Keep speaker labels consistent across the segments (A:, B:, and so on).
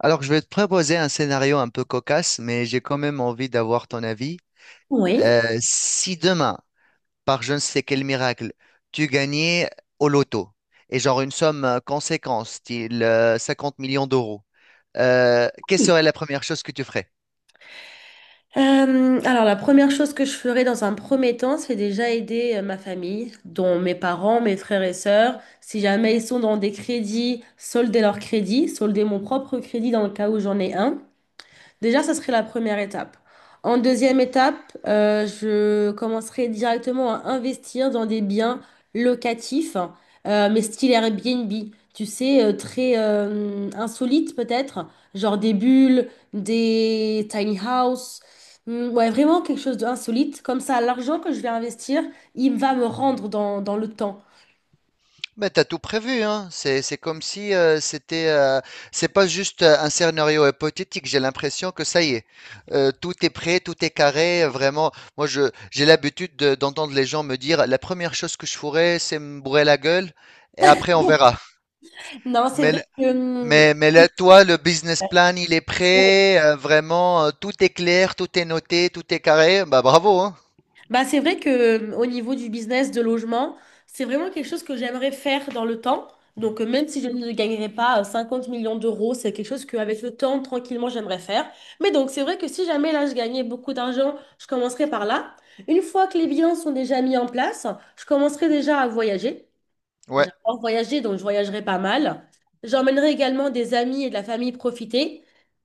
A: Alors, je vais te proposer un scénario un peu cocasse, mais j'ai quand même envie d'avoir ton avis.
B: Oui.
A: Si demain, par je ne sais quel miracle, tu gagnais au loto, et genre une somme conséquente, style 50 millions d'euros, quelle
B: Oui.
A: serait la première chose que tu ferais?
B: Alors, la première chose que je ferai dans un premier temps, c'est déjà aider ma famille, dont mes parents, mes frères et sœurs. Si jamais ils sont dans des crédits, solder leur crédit, solder mon propre crédit dans le cas où j'en ai un. Déjà, ça serait la première étape. En deuxième étape, je commencerai directement à investir dans des biens locatifs, mais style Airbnb, tu sais, très insolite peut-être, genre des bulles, des tiny house. Hmm, ouais, vraiment quelque chose d'insolite. Comme ça, l'argent que je vais investir, il va me rendre dans le temps.
A: Mais t'as tout prévu, hein. C'est comme si c'est pas juste un scénario hypothétique. J'ai l'impression que ça y est. Tout est prêt, tout est carré. Vraiment, moi, j'ai l'habitude d'entendre les gens me dire, la première chose que je ferai, c'est me bourrer la gueule, et après on verra.
B: Non, c'est
A: Mais,
B: vrai
A: l-
B: que...
A: mais là, toi, le business plan, il est
B: hum,
A: prêt. Vraiment, tout est clair, tout est noté, tout est carré. Bah bravo, hein.
B: Bah, c'est vrai que au niveau du business de logement, c'est vraiment quelque chose que j'aimerais faire dans le temps. Donc, même si je ne gagnerais pas 50 millions d'euros, c'est quelque chose qu'avec le temps, tranquillement, j'aimerais faire. Mais donc, c'est vrai que si jamais là, je gagnais beaucoup d'argent, je commencerai par là. Une fois que les biens sont déjà mis en place, je commencerai déjà à voyager.
A: Ouais.
B: J'adore voyager, donc je voyagerai pas mal. J'emmènerai également des amis et de la famille profiter.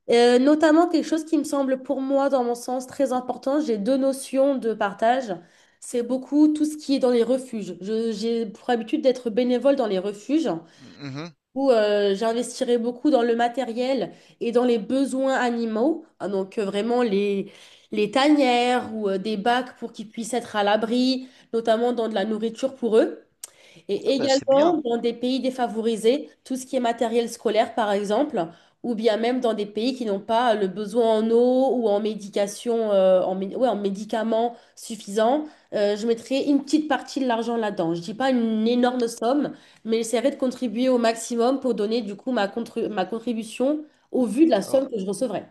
B: Notamment quelque chose qui me semble pour moi, dans mon sens, très important, j'ai deux notions de partage. C'est beaucoup tout ce qui est dans les refuges. J'ai pour habitude d'être bénévole dans les refuges
A: Mhm.
B: où j'investirai beaucoup dans le matériel et dans les besoins animaux. Ah, donc vraiment les tanières ou des bacs pour qu'ils puissent être à l'abri, notamment dans de la nourriture pour eux.
A: Ah
B: Et
A: bah, c'est bien.
B: également dans des pays défavorisés, tout ce qui est matériel scolaire, par exemple, ou bien même dans des pays qui n'ont pas le besoin en eau ou en médication, en médicaments suffisants, je mettrai une petite partie de l'argent là-dedans. Je dis pas une énorme somme, mais j'essaierai de contribuer au maximum pour donner du coup ma contribution au vu de la somme que je recevrai.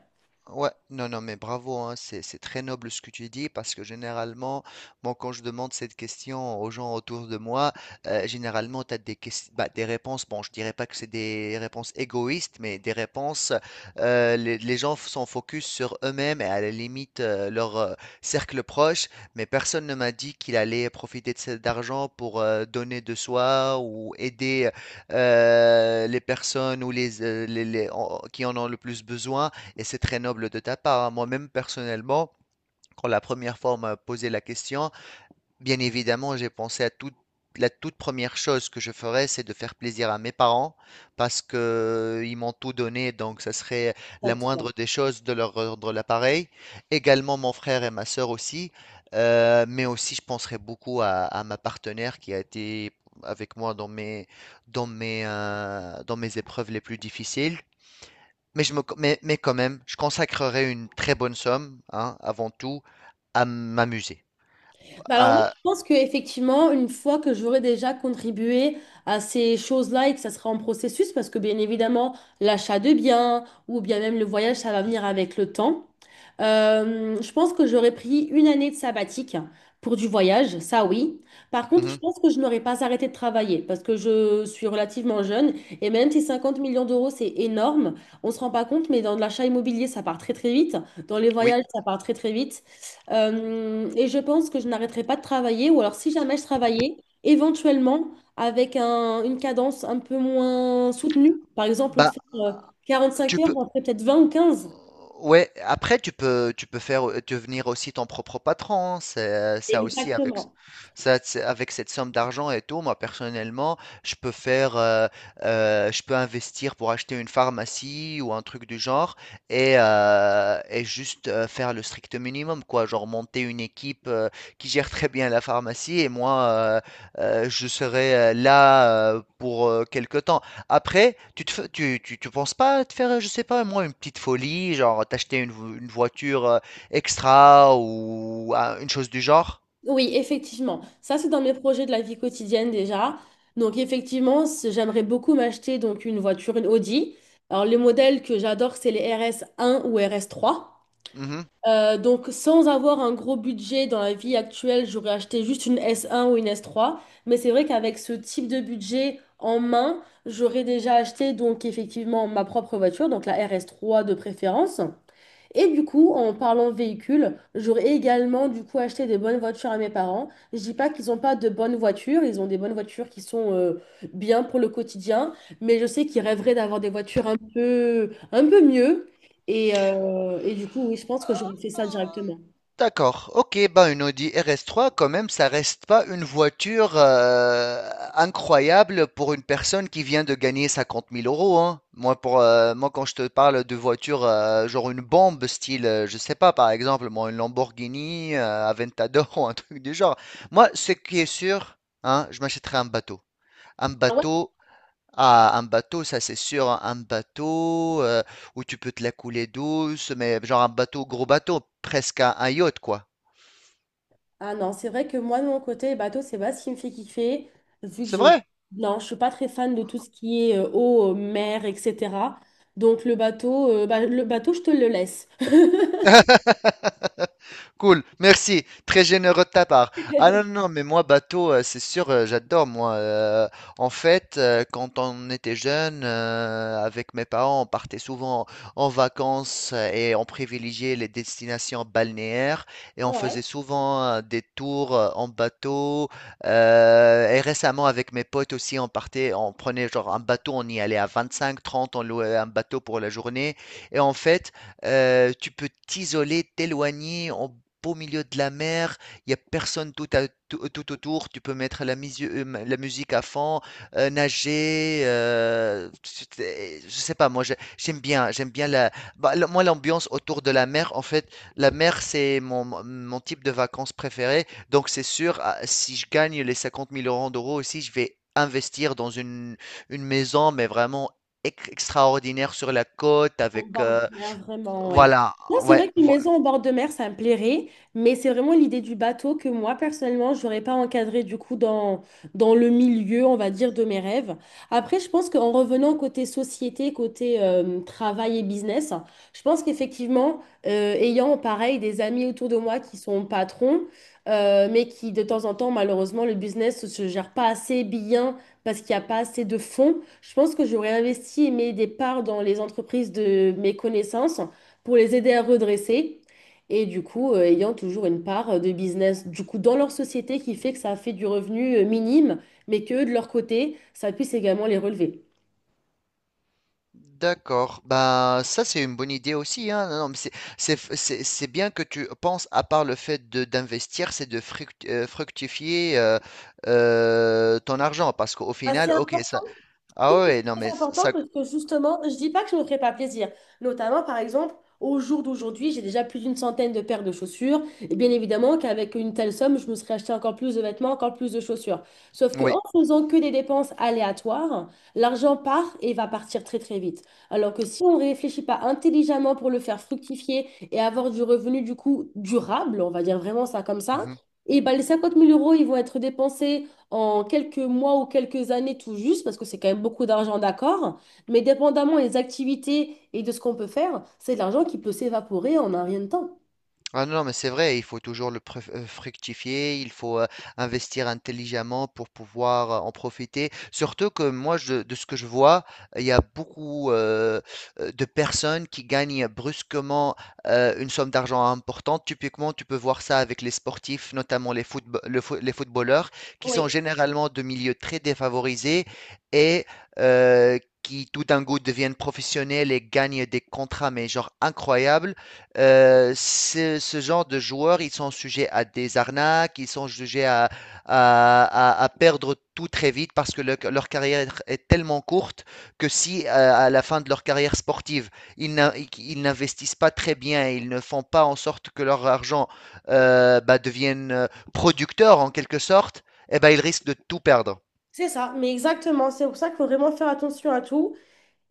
A: Ouais, non, non, mais bravo, hein, c'est très noble ce que tu dis parce que généralement, moi, quand je demande cette question aux gens autour de moi, généralement, tu as bah, des réponses, bon, je dirais pas que c'est des réponses égoïstes, mais des réponses, les sont focus sur eux-mêmes et à la limite leur cercle proche, mais personne ne m'a dit qu'il allait profiter de cet argent pour donner de soi ou aider les personnes ou qui en ont le plus besoin. Et c'est très noble de ta part, hein. Moi-même, personnellement, quand la première fois on m'a posé la question, bien évidemment, j'ai pensé à toute la toute première chose que je ferais, c'est de faire plaisir à mes parents parce que ils m'ont tout donné, donc ça serait la moindre
B: Exactement.
A: des choses de leur rendre l'appareil. Également mon frère et ma sœur aussi, mais aussi je penserais beaucoup à ma partenaire qui a été avec moi dans mes épreuves les plus difficiles. Mais quand même, je consacrerai une très bonne somme, hein, avant tout, à m'amuser.
B: Bah alors moi,
A: À-
B: je pense qu'effectivement, une fois que j'aurai déjà contribué à ces choses-là et que ça sera en processus, parce que bien évidemment, l'achat de biens ou bien même le voyage, ça va venir avec le temps. Je pense que j'aurais pris une année de sabbatique pour du voyage, ça oui. Par contre, je
A: Mhm,
B: pense que je n'aurais pas arrêté de travailler parce que je suis relativement jeune et même si 50 millions d'euros, c'est énorme, on ne se rend pas compte, mais dans l'achat immobilier, ça part très très vite. Dans les
A: oui,
B: voyages, ça part très très vite. Et je pense que je n'arrêterai pas de travailler, ou alors si jamais je travaillais, éventuellement avec une cadence un peu moins soutenue. Par exemple, au lieu de
A: bah,
B: faire 45
A: tu
B: heures,
A: peux,
B: j'en ferais peut-être 20 ou 15.
A: ouais, après tu peux devenir aussi ton propre patron, hein, c'est ça aussi avec ce
B: Exactement.
A: ça c'est avec cette somme d'argent et tout, moi personnellement, je peux faire, heu je peux investir pour acheter une pharmacie ou un truc du genre et juste, faire le strict minimum quoi, genre monter une équipe, qui gère très bien la pharmacie et moi, je serai, là, pour, quelque temps. Après, tu te fais tu tu tu penses pas à te faire, je sais pas moi, une petite folie, genre t'acheter une voiture, extra ou un une chose du genre?
B: Oui, effectivement. Ça, c'est dans mes projets de la vie quotidienne déjà. Donc, effectivement, j'aimerais beaucoup m'acheter donc une voiture, une Audi. Alors, les modèles que j'adore, c'est les RS1 ou RS3.
A: Mmh
B: Donc, sans avoir un gros budget dans la vie actuelle, j'aurais acheté juste une S1 ou une S3. Mais c'est vrai qu'avec ce type de budget en main, j'aurais déjà acheté donc effectivement ma propre voiture, donc la RS3 de préférence. Et du coup, en parlant véhicule, j'aurais également du coup acheté des bonnes voitures à mes parents. Je dis pas qu'ils n'ont pas de bonnes voitures, ils ont des bonnes voitures qui sont bien pour le quotidien, mais je sais qu'ils rêveraient d'avoir des voitures un peu mieux. Et du coup, oui, je pense que j'aurais fait ça directement.
A: D'accord, ok, ben une Audi RS3, quand même, ça reste pas une voiture incroyable pour une personne qui vient de gagner 50 000 euros, hein. Moi, moi, quand je te parle de voiture, genre une bombe, style, je sais pas, par exemple, moi, une Lamborghini, Aventador ou un truc du genre. Moi, ce qui est sûr, hein, je m'achèterai un bateau. Un
B: Ah ouais?
A: bateau, ah, un bateau, ça c'est sûr, hein, un bateau où tu peux te la couler douce, mais genre un bateau, gros bateau, presque un yacht, quoi.
B: Ah non, c'est vrai que moi, de mon côté, bateau, c'est pas ce qui me fait kiffer, vu que
A: C'est
B: j'ai...
A: vrai.
B: Non, je suis pas très fan de tout ce qui est eau, mer, etc. Donc le bateau, je te le laisse.
A: Cool, merci, très généreux de ta part. Ah non, non, non, mais moi, bateau, c'est sûr, j'adore, moi. En fait, quand on était jeune, avec mes parents, on partait souvent en vacances et on privilégiait les destinations balnéaires et on
B: Ouais.
A: faisait souvent des tours en bateau. Et récemment, avec mes potes aussi, on partait, on prenait genre un bateau, on y allait à 25, 30, on louait un bateau pour la journée. Et en fait, tu peux t'isoler, t'éloigner en beau milieu de la mer, il y a personne tout autour, tu peux mettre la musique à fond, nager, je sais pas, moi j'aime bien, moi l'ambiance autour de la mer, en fait, la mer c'est mon type de vacances préféré, donc c'est sûr, ah, si je gagne les 50 000 euros d'euros aussi, je vais investir dans une maison, mais vraiment extraordinaire sur la côte
B: En
A: avec
B: bord de mer, vraiment, ouais.
A: voilà,
B: Non, c'est
A: ouais.
B: vrai qu'une maison en bord de mer, ça me plairait, mais c'est vraiment l'idée du bateau que moi, personnellement, je n'aurais pas encadré du coup dans le milieu, on va dire, de mes rêves. Après, je pense qu'en revenant côté société, côté travail et business, je pense qu'effectivement, ayant pareil des amis autour de moi qui sont patrons, mais qui de temps en temps, malheureusement, le business ne se gère pas assez bien parce qu'il n'y a pas assez de fonds. Je pense que j'aurais investi et mis des parts dans les entreprises de mes connaissances pour les aider à redresser. Et du coup, ayant toujours une part de business du coup, dans leur société qui fait que ça fait du revenu minime, mais que de leur côté, ça puisse également les relever.
A: D'accord. Bah, ça, c'est une bonne idée aussi, hein. Non, non, mais c'est bien que tu penses, à part le fait d'investir, c'est de fructifier ton argent. Parce qu'au
B: Ah,
A: final,
B: c'est
A: ok,
B: important.
A: ça. Ah
B: Trouve que
A: ouais,
B: c'est
A: non, mais
B: très important
A: ça.
B: parce que justement, je dis pas que je ne me ferai pas plaisir. Notamment, par exemple, au jour d'aujourd'hui, j'ai déjà plus d'une centaine de paires de chaussures. Et bien évidemment qu'avec une telle somme, je me serais acheté encore plus de vêtements, encore plus de chaussures. Sauf que
A: Oui.
B: en faisant que des dépenses aléatoires, l'argent part et va partir très très vite. Alors que si on ne réfléchit pas intelligemment pour le faire fructifier et avoir du revenu du coup durable, on va dire vraiment ça comme ça, et ben les 50 000 euros, ils vont être dépensés en quelques mois ou quelques années tout juste, parce que c'est quand même beaucoup d'argent, d'accord, mais dépendamment des activités et de ce qu'on peut faire, c'est de l'argent qui peut s'évaporer en un rien de temps.
A: Ah non, non, mais c'est vrai, il faut toujours le fructifier, il faut investir intelligemment pour pouvoir en profiter. Surtout que moi, de ce que je vois, il y a beaucoup de personnes qui gagnent brusquement une somme d'argent importante. Typiquement, tu peux voir ça avec les sportifs, notamment les footballeurs, qui sont
B: Oui,
A: généralement de milieux très défavorisés et qui tout d'un coup deviennent professionnels et gagnent des contrats, mais genre incroyables. Ce genre de joueurs, ils sont sujets à des arnaques, ils sont sujets à perdre tout très vite parce que leur carrière est tellement courte que si à la fin de leur carrière sportive, ils n'investissent pas très bien, ils ne font pas en sorte que leur argent bah, devienne producteur en quelque sorte, eh ben, ils risquent de tout perdre.
B: c'est ça, mais exactement. C'est pour ça qu'il faut vraiment faire attention à tout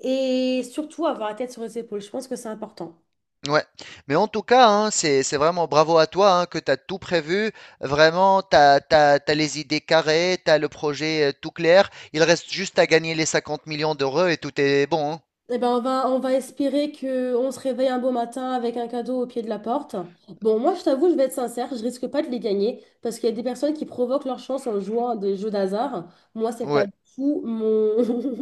B: et surtout avoir la tête sur les épaules. Je pense que c'est important.
A: Ouais, mais en tout cas, hein, c'est vraiment bravo à toi, hein, que tu as tout prévu. Vraiment, tu as, t'as, t'as- t'as les idées carrées, tu as le projet tout clair. Il reste juste à gagner les 50 millions d'euros et tout est bon, hein.
B: Eh ben on va espérer qu'on se réveille un beau matin avec un cadeau au pied de la porte. Bon, moi, je t'avoue, je vais être sincère, je risque pas de les gagner parce qu'il y a des personnes qui provoquent leur chance en jouant à des jeux d'hasard. Moi, c'est pas
A: Ouais.
B: du tout mon,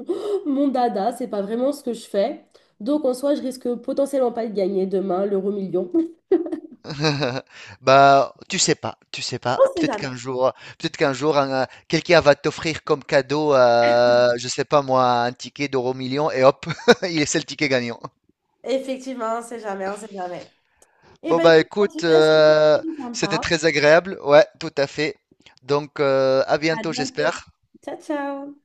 B: mon dada, c'est pas vraiment ce que je fais. Donc, en soi, je risque potentiellement pas de gagner demain l'euro million.
A: Bah, tu sais pas, tu sais pas.
B: On sait jamais.
A: Peut-être qu'un jour, quelqu'un va t'offrir comme cadeau, je sais pas moi, un ticket d'euro million et hop, il c'est le ticket gagnant.
B: Effectivement, on sait jamais, on sait jamais. Eh
A: Bon
B: ben
A: bah
B: écoute, en tout
A: écoute,
B: cas, c'était très
A: c'était
B: sympa.
A: très agréable, ouais, tout à fait. Donc à
B: À
A: bientôt,
B: bientôt.
A: j'espère.
B: Ciao, ciao.